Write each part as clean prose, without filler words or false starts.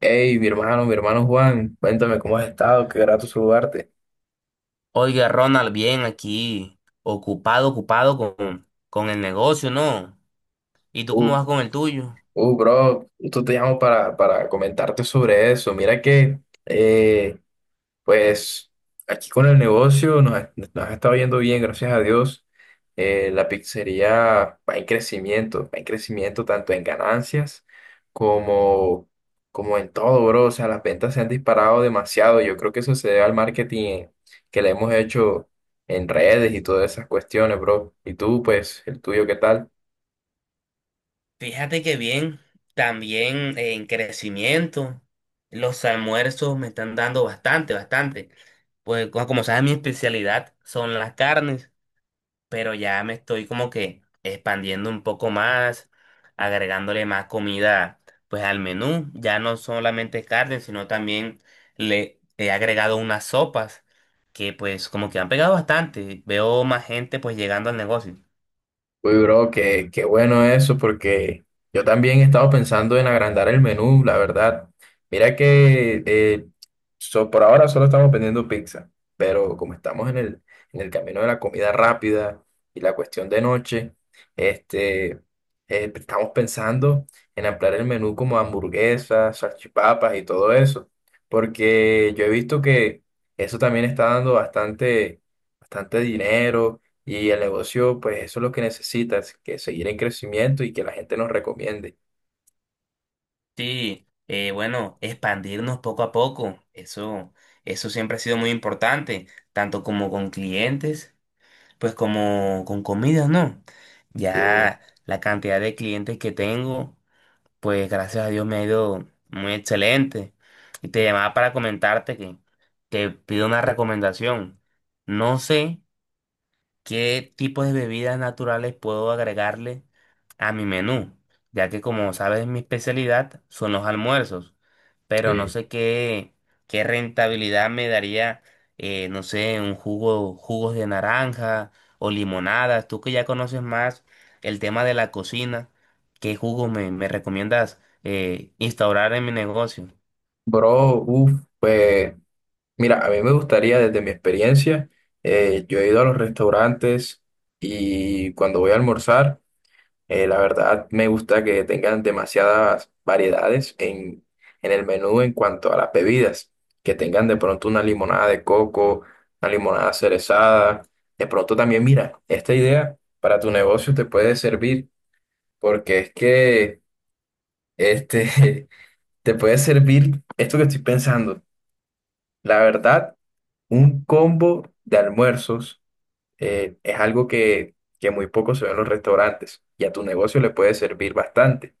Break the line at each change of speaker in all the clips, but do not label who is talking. Hey, mi hermano Juan, cuéntame cómo has estado, qué grato saludarte.
Oiga, Ronald, bien aquí, ocupado con el negocio, ¿no? ¿Y tú cómo
Uh,
vas con el tuyo?
bro, tú te llamo para comentarte sobre eso. Mira que eh, Pues aquí con el negocio nos ha estado yendo bien, gracias a Dios. La pizzería va en crecimiento tanto en ganancias como, como en todo, bro. O sea, las ventas se han disparado demasiado. Yo creo que eso se debe al marketing que le hemos hecho en redes y todas esas cuestiones, bro. Y tú, pues, el tuyo, ¿qué tal?
Fíjate que bien, también en crecimiento. Los almuerzos me están dando bastante. Pues como sabes, mi especialidad son las carnes, pero ya me estoy como que expandiendo un poco más, agregándole más comida pues al menú, ya no solamente carne, sino también le he agregado unas sopas que pues como que han pegado bastante, veo más gente pues llegando al negocio.
Uy, bro, qué bueno eso, porque yo también he estado pensando en agrandar el menú, la verdad. Mira que por ahora solo estamos vendiendo pizza, pero como estamos en el camino de la comida rápida y la cuestión de noche, este, eh, estamos pensando en ampliar el menú como hamburguesas, salchipapas y todo eso, porque yo he visto que eso también está dando bastante, bastante dinero y el negocio, pues eso es lo que necesitas, que seguir en crecimiento y que la gente nos recomiende.
Sí, bueno, expandirnos poco a poco, eso siempre ha sido muy importante, tanto como con clientes, pues como con comidas, ¿no?
Sí,
Ya la cantidad de clientes que tengo. Pues gracias a Dios me ha ido muy excelente. Y te llamaba para comentarte que te pido una recomendación. No sé qué tipos de bebidas naturales puedo agregarle a mi menú, ya que como sabes mi especialidad son los almuerzos, pero no
sí.
sé qué rentabilidad me daría, no sé, un jugo, jugos de naranja o limonadas, tú que ya conoces más el tema de la cocina, ¿qué jugo me recomiendas instaurar en mi negocio?
Bro, uff, pues mira, a mí me gustaría desde mi experiencia. Yo he ido a los restaurantes y cuando voy a almorzar, la verdad, me gusta que tengan demasiadas variedades en el menú en cuanto a las bebidas, que tengan de pronto una limonada de coco, una limonada cerezada. De pronto también, mira, esta idea para tu negocio te puede servir, porque es que este, te puede servir esto que estoy pensando. La verdad, un combo de almuerzos es algo que muy poco se ve en los restaurantes y a tu negocio le puede servir bastante.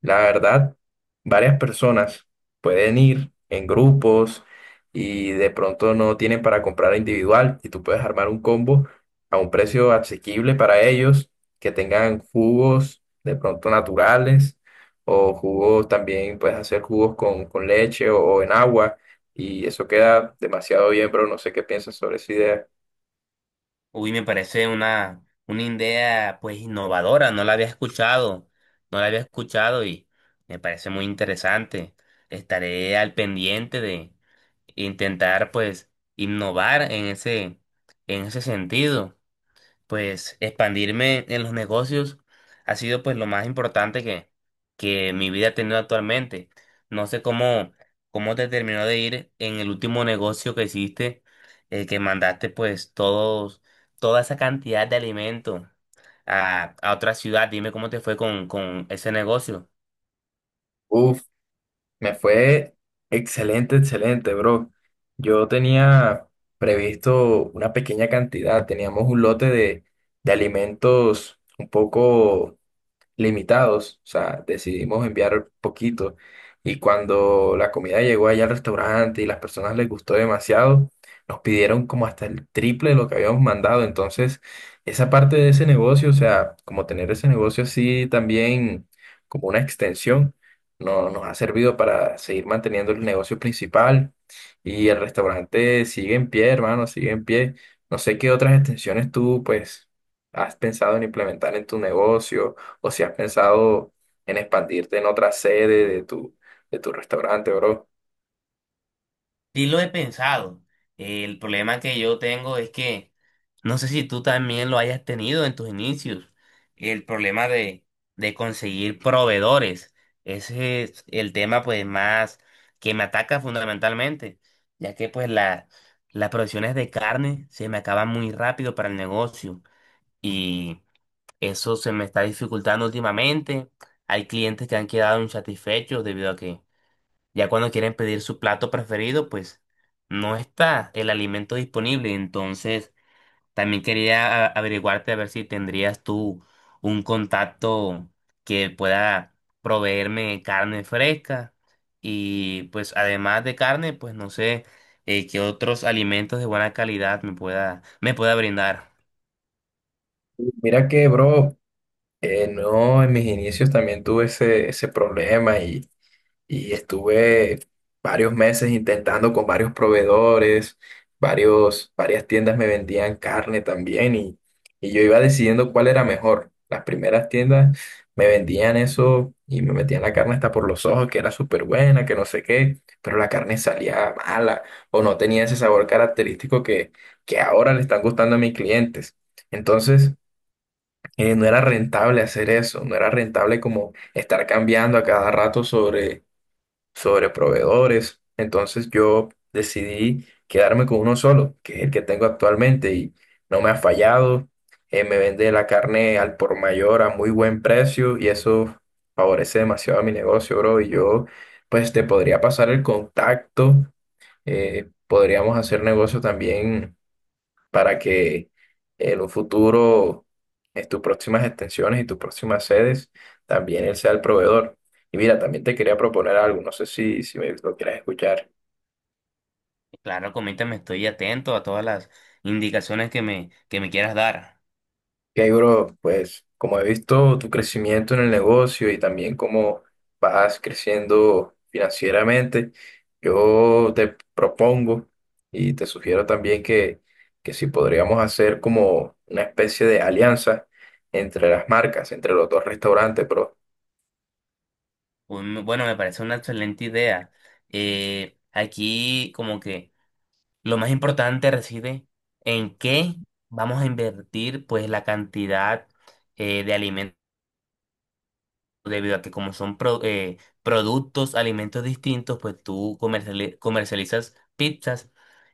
La verdad, varias personas pueden ir en grupos y de pronto no tienen para comprar individual y tú puedes armar un combo a un precio asequible para ellos, que tengan jugos de pronto naturales o jugos también, puedes hacer jugos con leche o en agua y eso queda demasiado bien, pero no sé qué piensas sobre esa idea.
Uy, me parece una idea pues innovadora, no la había escuchado, no la había escuchado y me parece muy interesante. Estaré al pendiente de intentar pues innovar en ese sentido, pues expandirme en los negocios ha sido pues lo más importante que mi vida ha tenido actualmente. No sé cómo te terminó de ir en el último negocio que hiciste, que mandaste pues todos, toda esa cantidad de alimentos a otra ciudad. Dime cómo te fue con ese negocio.
Uf, me fue excelente, excelente, bro. Yo tenía previsto una pequeña cantidad, teníamos un lote de alimentos un poco limitados, o sea, decidimos enviar poquito. Y cuando la comida llegó allá al restaurante y las personas les gustó demasiado, nos pidieron como hasta el triple de lo que habíamos mandado. Entonces, esa parte de ese negocio, o sea, como tener ese negocio así también como una extensión, no, nos ha servido para seguir manteniendo el negocio principal y el restaurante sigue en pie, hermano, sigue en pie. No sé qué otras extensiones tú, pues, has pensado en implementar en tu negocio o si has pensado en expandirte en otra sede de de tu restaurante, bro.
Sí lo he pensado. El problema que yo tengo es que no sé si tú también lo hayas tenido en tus inicios. El problema de conseguir proveedores. Ese es el tema pues más que me ataca fundamentalmente, ya que pues las provisiones de carne se me acaban muy rápido para el negocio y eso se me está dificultando últimamente. Hay clientes que han quedado insatisfechos debido a que ya cuando quieren pedir su plato preferido, pues no está el alimento disponible. Entonces, también quería averiguarte a ver si tendrías tú un contacto que pueda proveerme carne fresca. Y pues además de carne, pues no sé qué otros alimentos de buena calidad me me pueda brindar.
Mira que, bro, no, en mis inicios también tuve ese problema y estuve varios meses intentando con varios proveedores, varias tiendas me vendían carne también y yo iba decidiendo cuál era mejor. Las primeras tiendas me vendían eso y me metían la carne hasta por los ojos, que era súper buena, que no sé qué, pero la carne salía mala o no tenía ese sabor característico que ahora le están gustando a mis clientes. Entonces, no era rentable hacer eso, no era rentable como estar cambiando a cada rato sobre proveedores. Entonces yo decidí quedarme con uno solo, que es el que tengo actualmente y no me ha fallado. Me vende la carne al por mayor a muy buen precio y eso favorece demasiado a mi negocio, bro. Y yo, pues te podría pasar el contacto. Podríamos hacer negocio también para que en un futuro, en tus próximas extensiones y tus próximas sedes, también él sea el proveedor. Y mira, también te quería proponer algo, no sé si me lo quieras escuchar.
Claro, coméntame, estoy atento a todas las indicaciones que que me quieras dar.
Que bro, pues como he visto tu crecimiento en el negocio y también cómo vas creciendo financieramente, yo te propongo y te sugiero también que si podríamos hacer como una especie de alianza entre las marcas, entre los dos restaurantes, bro.
Bueno, me parece una excelente idea. Aquí como que lo más importante reside en qué vamos a invertir pues la cantidad de alimentos, debido a que como son productos, alimentos distintos, pues tú comercializas pizzas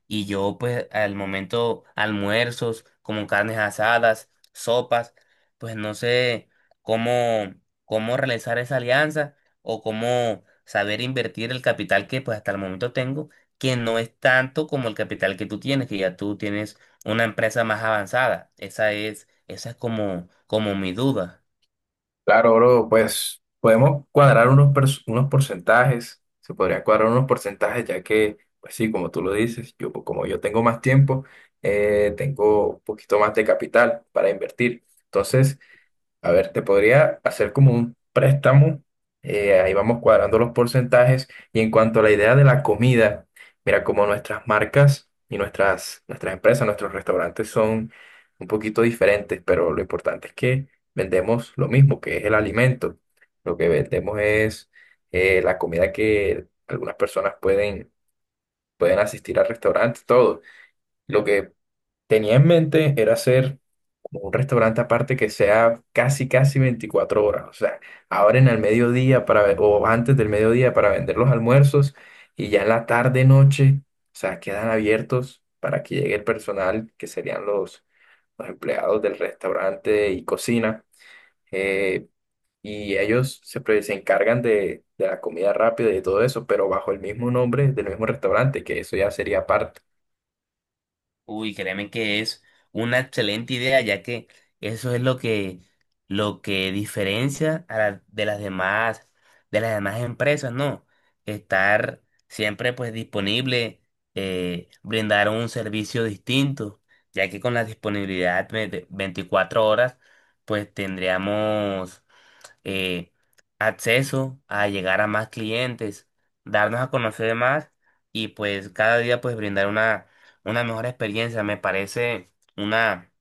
y yo pues al momento almuerzos, como carnes asadas, sopas, pues no sé cómo, cómo realizar esa alianza o cómo saber invertir el capital que pues hasta el momento tengo, que no es tanto como el capital que tú tienes, que ya tú tienes una empresa más avanzada. Esa es como, como mi duda.
Claro, bro, pues podemos cuadrar unos, pers- unos porcentajes, se podría cuadrar unos porcentajes ya que, pues sí, como tú lo dices, yo como yo tengo más tiempo, tengo un poquito más de capital para invertir. Entonces, a ver, te podría hacer como un préstamo. Ahí vamos cuadrando los porcentajes. Y en cuanto a la idea de la comida, mira, como nuestras marcas y nuestras empresas, nuestros restaurantes son un poquito diferentes, pero lo importante es que vendemos lo mismo, que es el alimento. Lo que vendemos es la comida que algunas personas pueden asistir al restaurante, todo. Lo que tenía en mente era hacer como un restaurante aparte que sea casi, casi 24 horas. O sea, abren al mediodía para, ve- o antes del mediodía para vender los almuerzos y ya en la tarde, noche, o sea, quedan abiertos para que llegue el personal, que serían los empleados del restaurante y cocina. eh, y ellos se, pre- se encargan de la comida rápida y de todo eso, pero bajo el mismo nombre del mismo restaurante, que eso ya sería parte.
Uy, créeme que es una excelente idea, ya que eso es lo lo que diferencia a de las demás empresas, ¿no? Estar siempre pues disponible, brindar un servicio distinto, ya que con la disponibilidad de 24 horas, pues tendríamos eh, acceso a llegar a más clientes, darnos a conocer más y pues cada día pues brindar una mejor experiencia. Me parece una,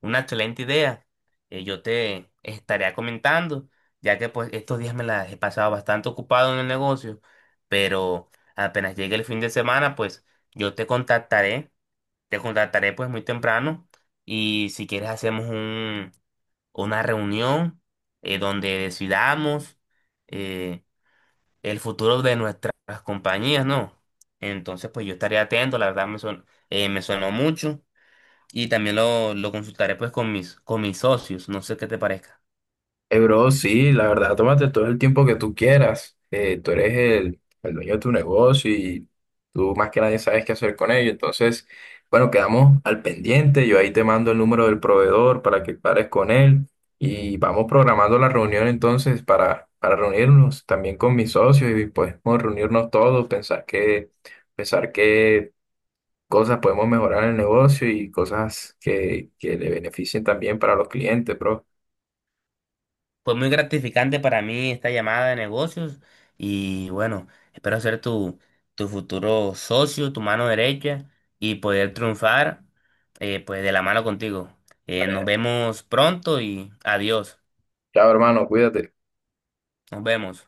una excelente idea. Yo te estaría comentando, ya que pues estos días me las he pasado bastante ocupado en el negocio, pero apenas llegue el fin de semana pues yo te contactaré pues muy temprano y si quieres hacemos una reunión donde decidamos eh, el futuro de nuestras compañías, ¿no? Entonces, pues yo estaré atento, la verdad me sonó mucho y también lo consultaré pues con con mis socios, no sé qué te parezca.
Bro, sí, la verdad, tómate todo el tiempo que tú quieras. Tú eres el dueño de tu negocio y tú más que nadie sabes qué hacer con ello. Entonces, bueno, quedamos al pendiente. Yo ahí te mando el número del proveedor para que pares con él y vamos programando la reunión entonces para reunirnos también con mis socios y pues podemos reunirnos todos, pensar pensar qué cosas podemos mejorar en el negocio y cosas que le beneficien también para los clientes, bro.
Fue muy gratificante para mí esta llamada de negocios y bueno, espero ser tu futuro socio, tu mano derecha y poder triunfar pues de la mano contigo. Nos vemos pronto y adiós.
Chao, hermano, cuídate.
Nos vemos.